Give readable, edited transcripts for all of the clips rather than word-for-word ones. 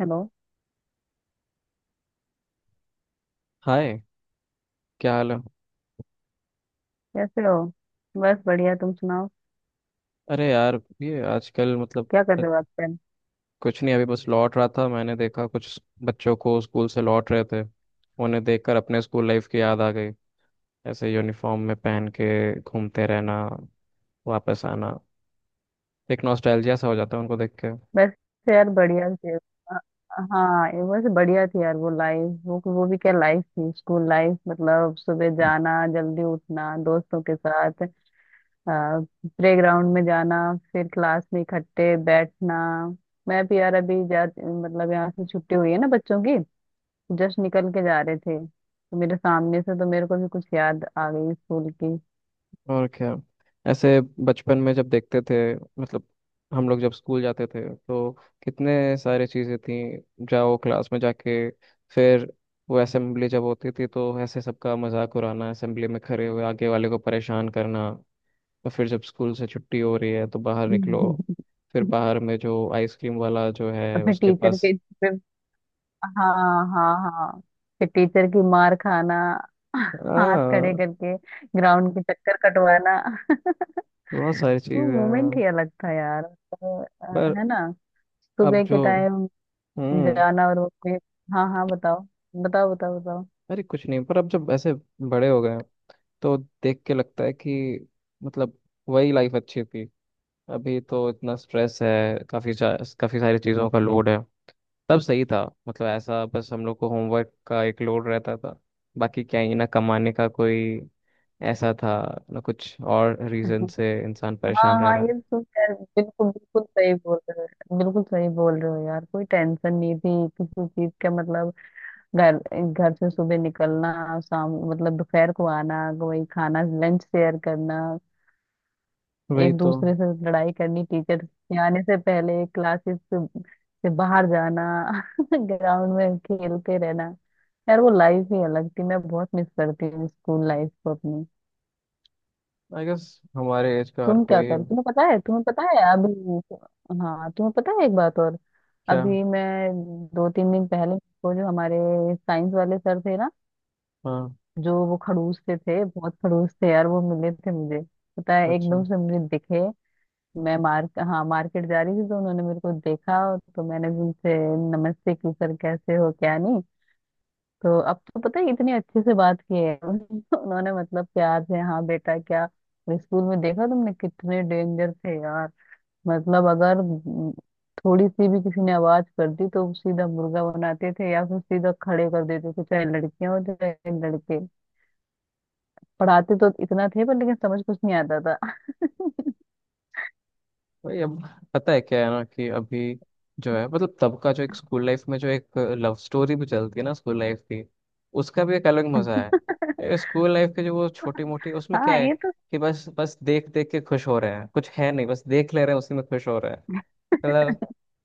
Hello. Hi. क्या हाल है? कैसे हो? बस बढ़िया, तुम सुनाओ। अरे यार ये आजकल मतलब क्या कर रहे हो आजकल? कुछ नहीं, अभी बस लौट रहा था। मैंने देखा कुछ बच्चों को स्कूल से लौट रहे थे, उन्हें देखकर अपने स्कूल लाइफ की याद आ गई। ऐसे यूनिफॉर्म में पहन के घूमते रहना, वापस आना, एक नॉस्टैल्जिया सा हो जाता है उनको देख के। बस यार बढ़िया थे। हाँ, ये बस बढ़िया थी यार, वो लाइफ, वो भी क्या लाइफ थी, स्कूल लाइफ। मतलब सुबह जाना, जल्दी उठना, दोस्तों के साथ प्लेग्राउंड में जाना, फिर क्लास में इकट्ठे बैठना। मैं भी यार अभी जा मतलब, यहाँ से छुट्टी हुई है ना बच्चों की, जस्ट निकल के जा रहे थे तो मेरे सामने से, तो मेरे को भी कुछ याद आ गई स्कूल की। और क्या, ऐसे बचपन में जब देखते थे, मतलब हम लोग जब स्कूल जाते थे तो कितने सारे चीज़ें थी। जाओ क्लास में जाके, फिर वो असेंबली जब होती थी तो ऐसे सबका मजाक उड़ाना, असेंबली में खड़े हुए आगे वाले को परेशान करना। तो फिर जब स्कूल से छुट्टी हो रही है तो बाहर निकलो, फिर बाहर में जो आइसक्रीम वाला जो है अपने उसके टीचर पास। के पे। हाँ हाँ हाँ, फिर टीचर की मार खाना, हाथ खड़े हाँ, करके ग्राउंड के चक्कर कटवाना। बहुत सारी वो चीज़ें मोमेंट हैं। ही अलग था यार तो, पर है ना। अब सुबह के जो, टाइम हम्म जाना और उसमें। हाँ हाँ, बताओ। बताओ बताओ बताओ। अरे कुछ नहीं, पर अब जब ऐसे बड़े हो गए तो देख के लगता है कि मतलब वही लाइफ अच्छी थी। अभी तो इतना स्ट्रेस है, काफ़ी काफ़ी सारी चीज़ों का लोड है। तब सही था, मतलब ऐसा बस हम लोग को होमवर्क का एक लोड रहता था, बाकी क्या ही ना कमाने का कोई ऐसा था, ना कुछ और रीज़न से इंसान हाँ परेशान रह हाँ, रहा है। ये सुन यार, बिल्कुल बिल्कुल सही बोल रहे हो, बिल्कुल सही बोल रहे हो यार, कोई टेंशन नहीं थी किसी चीज का। मतलब घर घर से सुबह निकलना, शाम मतलब दोपहर को आना, वही खाना लंच शेयर करना, वही एक तो। दूसरे से लड़ाई करनी, टीचर के आने से पहले क्लासेस से बाहर जाना। ग्राउंड में खेलते रहना। यार वो लाइफ ही अलग थी, मैं बहुत मिस करती हूँ स्कूल लाइफ को अपनी। आई गेस हमारे एज का हर तुम क्या कोई है। कर तुम्हें पता है अभी। हाँ, तुम्हें पता है, एक बात और। क्या? अभी मैं 2-3 दिन पहले को, जो हमारे साइंस वाले सर थे ना, हाँ। जो वो खड़ूस से थे, बहुत खड़ूस थे यार, वो मिले थे मुझे। पता है, अच्छा। एकदम से मुझे दिखे। मैं मार हाँ, मार्केट जा रही थी तो उन्होंने मेरे को देखा, तो मैंने भी उनसे नमस्ते की, सर कैसे हो क्या नहीं। तो अब तो पता है, इतने अच्छे से बात किए हैं। उन्होंने मतलब प्यार से, हाँ बेटा क्या। स्कूल में देखा तुमने कितने डेंजर थे यार, मतलब अगर थोड़ी सी भी किसी ने आवाज कर दी तो सीधा मुर्गा बनाते थे या फिर सीधा खड़े कर देते थे, चाहे लड़कियां हो चाहे लड़के। पढ़ाते तो इतना थे पर लेकिन समझ कुछ नहीं आता था। भाई अब पता है क्या है ना कि अभी जो है, मतलब तब का जो एक स्कूल लाइफ में जो एक लव स्टोरी भी चलती है ना स्कूल लाइफ की, उसका भी एक अलग मजा है, स्कूल लाइफ के जो वो छोटी मोटी, उसमें क्या हाँ, है ये तो। कि बस बस देख देख के खुश हो रहे हैं, कुछ है नहीं, बस देख ले रहे हैं उसी में खुश हो रहे हैं। मतलब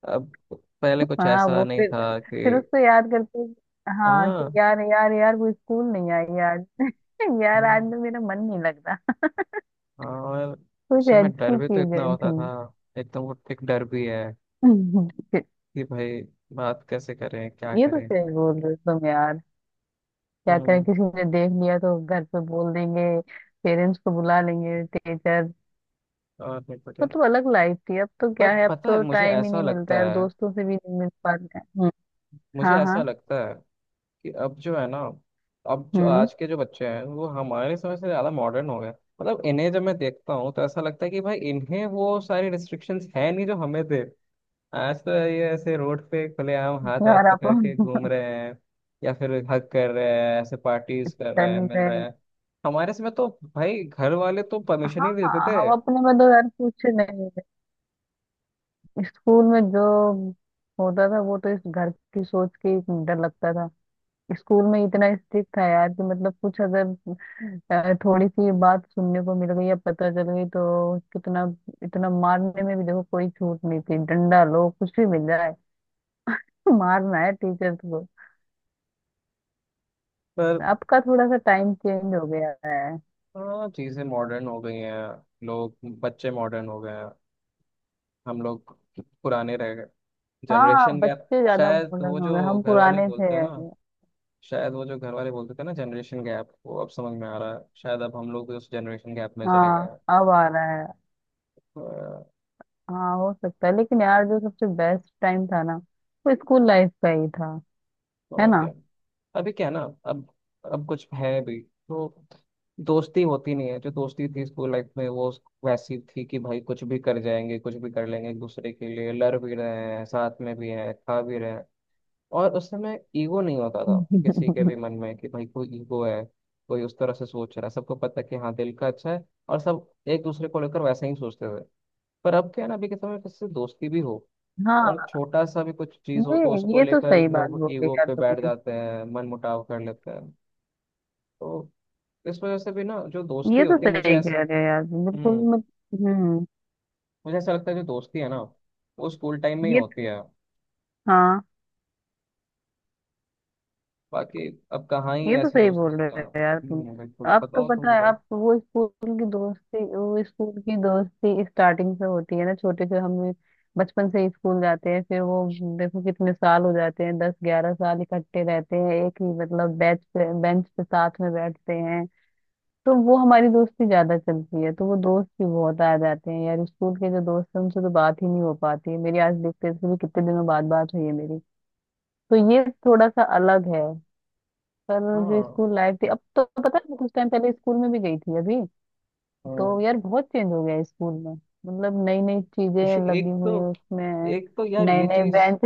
अब पहले कुछ हाँ ऐसा वो नहीं फिर था फिर कि। उसको याद करते, हाँ हाँ कि यार यार यार वो स्कूल नहीं आई यार। यार आज हाँ तो मेरा मन नहीं लगता। हाँ, और कुछ उस समय डर अच्छी भी तो इतना चीजें थी। होता था, एकदम वो एक डर भी है कि भाई बात कैसे करें क्या ये तो करें। सही बोल रहे हो तुम यार। क्या करें, हम्म। किसी ने देख लिया तो घर पे बोल देंगे, पेरेंट्स को बुला लेंगे टीचर। और नहीं पता। मतलब अलग लाइफ थी। अब तो पर क्या है, अब पता है, तो मुझे टाइम ही ऐसा नहीं मिलता लगता है और है, दोस्तों से भी नहीं मिल पाता है। हम्म। मुझे ऐसा हाँ लगता है कि अब जो है ना, अब जो हाँ, आज के जो बच्चे हैं वो हमारे समय से ज़्यादा मॉडर्न हो गए, मतलब इन्हें जब मैं देखता हूँ तो ऐसा लगता है कि भाई इन्हें वो सारी रिस्ट्रिक्शंस है नहीं जो हमें थे। आज तो ये ऐसे रोड पे खुलेआम हाथ वाथ यार आप पकड़ के घूम रहे हैं, या फिर हक कर रहे हैं, ऐसे पार्टीज कर रहे चल हैं, मिल रहे रहे हैं। हैं। हमारे समय तो भाई घर वाले तो परमिशन हाँ, ही नहीं देते थे। हम अपने में तो यार कुछ नहीं है। स्कूल में जो होता था वो तो, इस घर की सोच के ही डर लगता था। स्कूल में इतना स्ट्रिक्ट था यार, कि मतलब कुछ अगर थोड़ी सी बात सुनने को मिल गई या पता चल गई तो कितना, इतना मारने में भी देखो कोई छूट नहीं थी, डंडा लो कुछ भी मिल जाए। मारना है टीचर को। पर अब का थोड़ा सा टाइम चेंज हो गया है। हाँ, चीज़ें मॉडर्न हो गई हैं, लोग, बच्चे मॉडर्न हो गए हैं, हम लोग पुराने रह गए, हाँ, जनरेशन गैप। बच्चे ज्यादा शायद वो मॉडर्न हो जो गए, हम घर वाले पुराने थे। बोलते हैं ना, शायद वो जो घर वाले बोलते थे ना, जनरेशन गैप वो अब समझ में आ रहा है, शायद अब हम लोग उस जनरेशन गैप में चले गए हाँ, हैं। अब आ रहा है। अ, हाँ हो सकता है, लेकिन यार जो सबसे बेस्ट टाइम था ना, वो स्कूल लाइफ का ही था, है और ना। क्या। अभी क्या है ना, अब कुछ है भी तो दोस्ती होती नहीं है, जो दोस्ती थी स्कूल लाइफ में वो वैसी थी कि भाई कुछ भी कर जाएंगे, कुछ भी कर लेंगे एक दूसरे के लिए, लड़ भी रहे हैं साथ में भी हैं खा भी रहे हैं। और उस समय ईगो नहीं होता था किसी के भी मन में कि भाई कोई ईगो है, कोई उस तरह से सोच रहा है, सबको पता है कि हाँ दिल का अच्छा है, और सब एक दूसरे को लेकर वैसे ही सोचते थे। पर अब क्या है ना, अभी के समय में किसी से दोस्ती भी हो हाँ, और छोटा सा भी कुछ चीज हो ये तो उसको ये तो लेकर सही बात लोग बोली ईगो यार पे बैठ तुमने। जाते हैं, मन मुटाव कर लेते हैं। तो इस वजह से भी ना जो दोस्ती ये तो होती है, मुझे सही कह ऐसा। रहे हो यार, बिल्कुल। हम्म मत हम्म। मुझे ऐसा लगता है जो दोस्ती है ना वो स्कूल टाइम में ही ये होती है। हाँ, बाकी अब कहाँ ही ये तो ऐसे सही दोस्त बोल रहे मिलते हैं। हो यार तुम। बिल्कुल, अब तो बताओ तुम पता है, बताओ। अब तो वो स्कूल की दोस्ती स्टार्टिंग से होती है ना, छोटे से हम बचपन से ही स्कूल जाते हैं, फिर वो देखो कितने साल हो जाते हैं, 10-11 साल इकट्ठे रहते हैं, एक ही मतलब बेंच पे, बेंच पे साथ में बैठते हैं। तो वो हमारी दोस्ती ज्यादा चलती है, तो वो दोस्त भी बहुत आ जाते हैं यार। स्कूल के जो दोस्त हैं उनसे तो बात ही नहीं हो पाती है मेरी, आज देखते भी कितने दिनों बाद बात हुई है मेरी। तो ये थोड़ा सा अलग है। पर जो हाँ। स्कूल लाइफ थी, अब तो पता है मैं कुछ टाइम पहले स्कूल में भी गई थी अभी, हम्म, तो यार बहुत चेंज हो गया है स्कूल में। मतलब नई नई चीजें लगी एक तो हुई है उसमें, एक तो यार नए ये नए चीज, बेंच।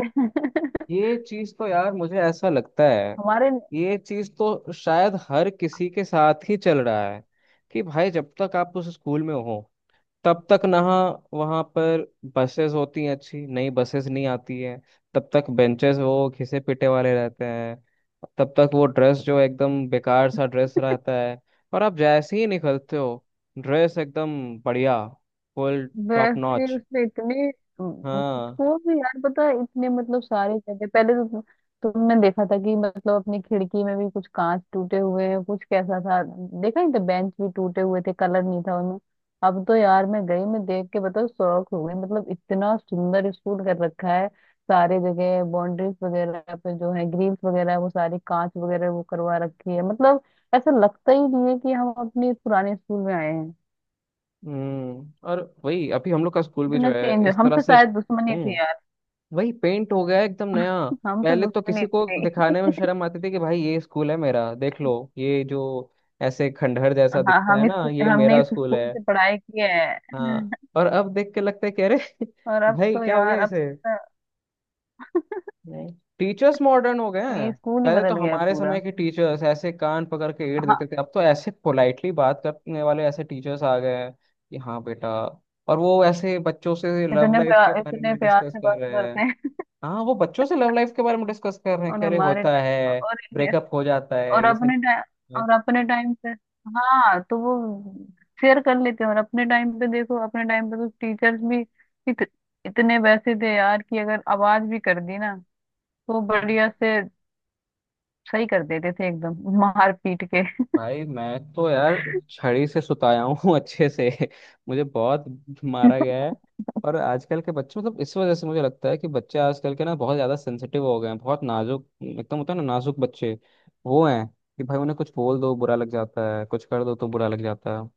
ये चीज तो यार मुझे ऐसा लगता है, हमारे ये चीज तो शायद हर किसी के साथ ही चल रहा है कि भाई जब तक आप उस स्कूल में हो तब तक ना वहाँ पर बसेस होती हैं, अच्छी नई बसेस नहीं आती है, तब तक बेंचेस वो घिसे पिटे वाले रहते हैं, तब तक वो ड्रेस जो एकदम बेकार सा ड्रेस रहता है, और आप जैसे ही निकलते हो, ड्रेस एकदम बढ़िया, फुल टॉप वैसे नॉच। उसमें इतने। हाँ। वो भी यार पता है इतने मतलब सारे जगह पहले तो। तुमने देखा था कि मतलब अपनी खिड़की में भी कुछ कांच टूटे हुए हैं, कुछ कैसा था देखा नहीं था, बेंच भी टूटे हुए थे, कलर नहीं था उनमें। अब तो यार मैं गई, मैं देख के बताओ शौक हो गई, मतलब इतना सुंदर स्कूल कर रखा है। सारे जगह बाउंड्रीज वगैरह पे जो है, ग्रिल्स वगैरह है, वो सारे कांच वगैरह वो करवा रखी है, मतलब ऐसा लगता ही नहीं है कि हम अपने पुराने स्कूल में आए हैं। और वही अभी हम लोग का स्कूल भी जो इतना है चेंज, हम इस तरह हमसे से। शायद दुश्मनी थी। हम्म वही पेंट हो गया है एकदम नया। हम तो पहले तो दुश्मन ही किसी को थे। दिखाने में शर्म आती थी कि भाई ये स्कूल है मेरा, देख लो, ये जो ऐसे खंडहर जैसा हाँ, दिखता है हम इस ना ये हमने मेरा इस स्कूल स्कूल है। से पढ़ाई की है। हाँ, और अब देख के लगता है कि अरे, और अब भाई तो क्या हो गया यार, अब इसे। तो नहीं, टीचर्स मॉडर्न हो गए ये हैं, स्कूल ही पहले तो बदल गया हमारे पूरा। समय के टीचर्स ऐसे कान पकड़ के एड़ हाँ, देते थे, अब तो ऐसे पोलाइटली बात करने वाले ऐसे टीचर्स आ गए हैं कि हाँ बेटा, और वो ऐसे बच्चों से लव इतने लाइफ के प्यार, बारे इतने में प्यार डिस्कस से कर बात रहे हैं। करते हैं। हाँ, वो बच्चों से लव लाइफ के बारे में डिस्कस कर रहे हैं और कि अरे हमारे होता ट- है, और ब्रेकअप हो जाता है और ये सब अपने टाइम पे, हाँ तो वो शेयर कर लेते हैं। और अपने टाइम पे देखो, अपने टाइम पे तो टीचर्स भी इत, इतने वैसे थे यार कि अगर आवाज भी कर दी ना, तो चीजें। बढ़िया से सही कर देते थे एकदम मार पीट के। भाई मैं तो यार छड़ी से सुताया हूँ अच्छे से, मुझे बहुत मारा गया है। और आजकल के बच्चे, मतलब इस वजह से मुझे लगता है कि बच्चे आजकल के ना बहुत ज्यादा सेंसिटिव हो गए हैं, बहुत नाजुक एकदम, होता है ना नाजुक बच्चे, वो हैं कि भाई उन्हें कुछ बोल दो बुरा लग जाता है, कुछ कर दो तो बुरा लग जाता है।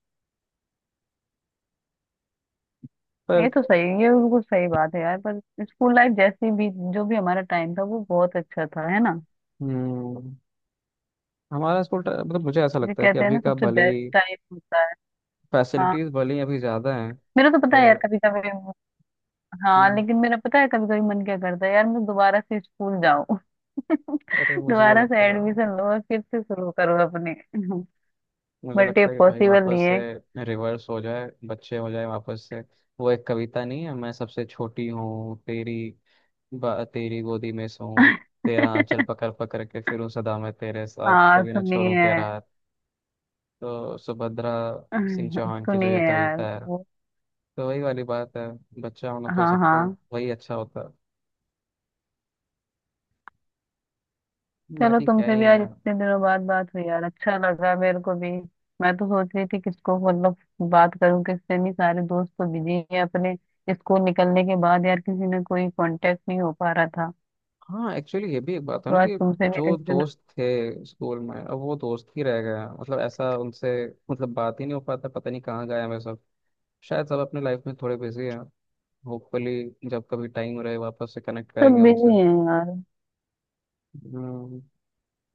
पर। ये तो सही, ये बिल्कुल सही बात है यार। पर स्कूल लाइफ जैसी भी, जो भी हमारा टाइम था, वो बहुत अच्छा था, है ना। हम्म मतलब मुझे ऐसा जो लगता है कि कहते हैं अभी ना, का सबसे भले बेस्ट ही टाइम होता है। हाँ, फैसिलिटीज भले ही अभी ज्यादा हैं, मेरा तो पता है यार पर। कभी कभी, हाँ हम्म, लेकिन मेरा पता है कभी कभी मन क्या करता है यार, मैं दोबारा से स्कूल जाऊं। अरे मुझे भी दोबारा से लगता है, एडमिशन लो और फिर से शुरू करो अपने। मुझे बट ये लगता है कि भाई पॉसिबल नहीं वापस है। से रिवर्स हो जाए, बच्चे हो जाए वापस से। वो एक कविता नहीं है, मैं सबसे छोटी हूँ तेरी, तेरी गोदी में सोऊं, तेरा आंचल पकड़ पकड़ के फिरूं, सदा मैं तेरे साथ, हाँ, कभी ना छोड़ूं सुनिए। तेरा हाथ। तो सुभद्रा सिंह चौहान की जो सुनिए ये यार कविता है, वो, तो वही वाली बात है, बच्चा होना तो हाँ सबको हाँ। वही अच्छा होता है। चलो, बाकी क्या तुमसे ही भी आज है। इतने दिनों बाद बात हुई यार, अच्छा लगा मेरे को भी। मैं तो सोच रही थी किसको मतलब बात करूं, किससे नहीं, सारे दोस्त तो बिजी हैं अपने। स्कूल निकलने के बाद यार किसी ने कोई कांटेक्ट नहीं हो पा रहा था। हाँ एक्चुअली ये भी एक बात है तो ना आज कि तुमसे भी इतने जो दिनों। दोस्त थे स्कूल में अब वो दोस्त ही रह गए हैं, मतलब ऐसा उनसे, मतलब बात ही नहीं हो पाता, पता नहीं कहाँ गए हमें सब, शायद सब अपने लाइफ में थोड़े बिजी हैं, होपफुली जब कभी टाइम रहे वापस से कनेक्ट करेंगे सब बिजी उनसे। हैं यार। हम्म,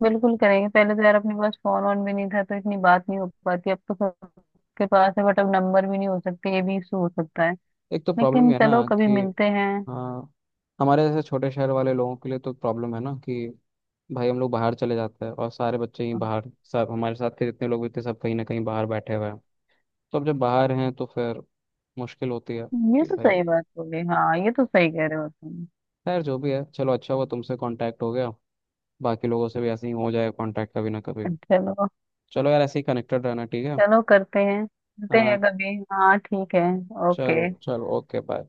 बिल्कुल करेंगे, पहले तो यार अपने पास फोन ऑन भी नहीं था तो इतनी बात नहीं हो पाती, अब तो सबके पास है, बट अब नंबर भी नहीं हो सकते, ये भी इशू हो सकता है। एक तो प्रॉब्लम लेकिन है ना चलो, कभी कि। मिलते हैं। हाँ, हमारे जैसे छोटे शहर वाले लोगों के लिए तो प्रॉब्लम है ना कि भाई हम लोग बाहर चले जाते हैं, और सारे बच्चे ही बाहर, सब हमारे साथ के जितने लोग भी थे सब कहीं ना कहीं बाहर बैठे हुए हैं, तो अब जब बाहर हैं तो फिर मुश्किल होती है ये कि तो भाई। सही बात हो गई, हाँ ये तो सही कह रहे हो तुम। खैर जो भी है, चलो अच्छा हुआ तुमसे कांटेक्ट हो गया, बाकी लोगों से भी ऐसे ही हो जाए कांटेक्ट कभी ना कभी। चलो, चलो यार, ऐसे ही कनेक्टेड रहना ठीक है। चलो करते हैं मिलते हाँ। हैं कभी, हाँ ठीक है। चलो ओके। चलो, ओके बाय।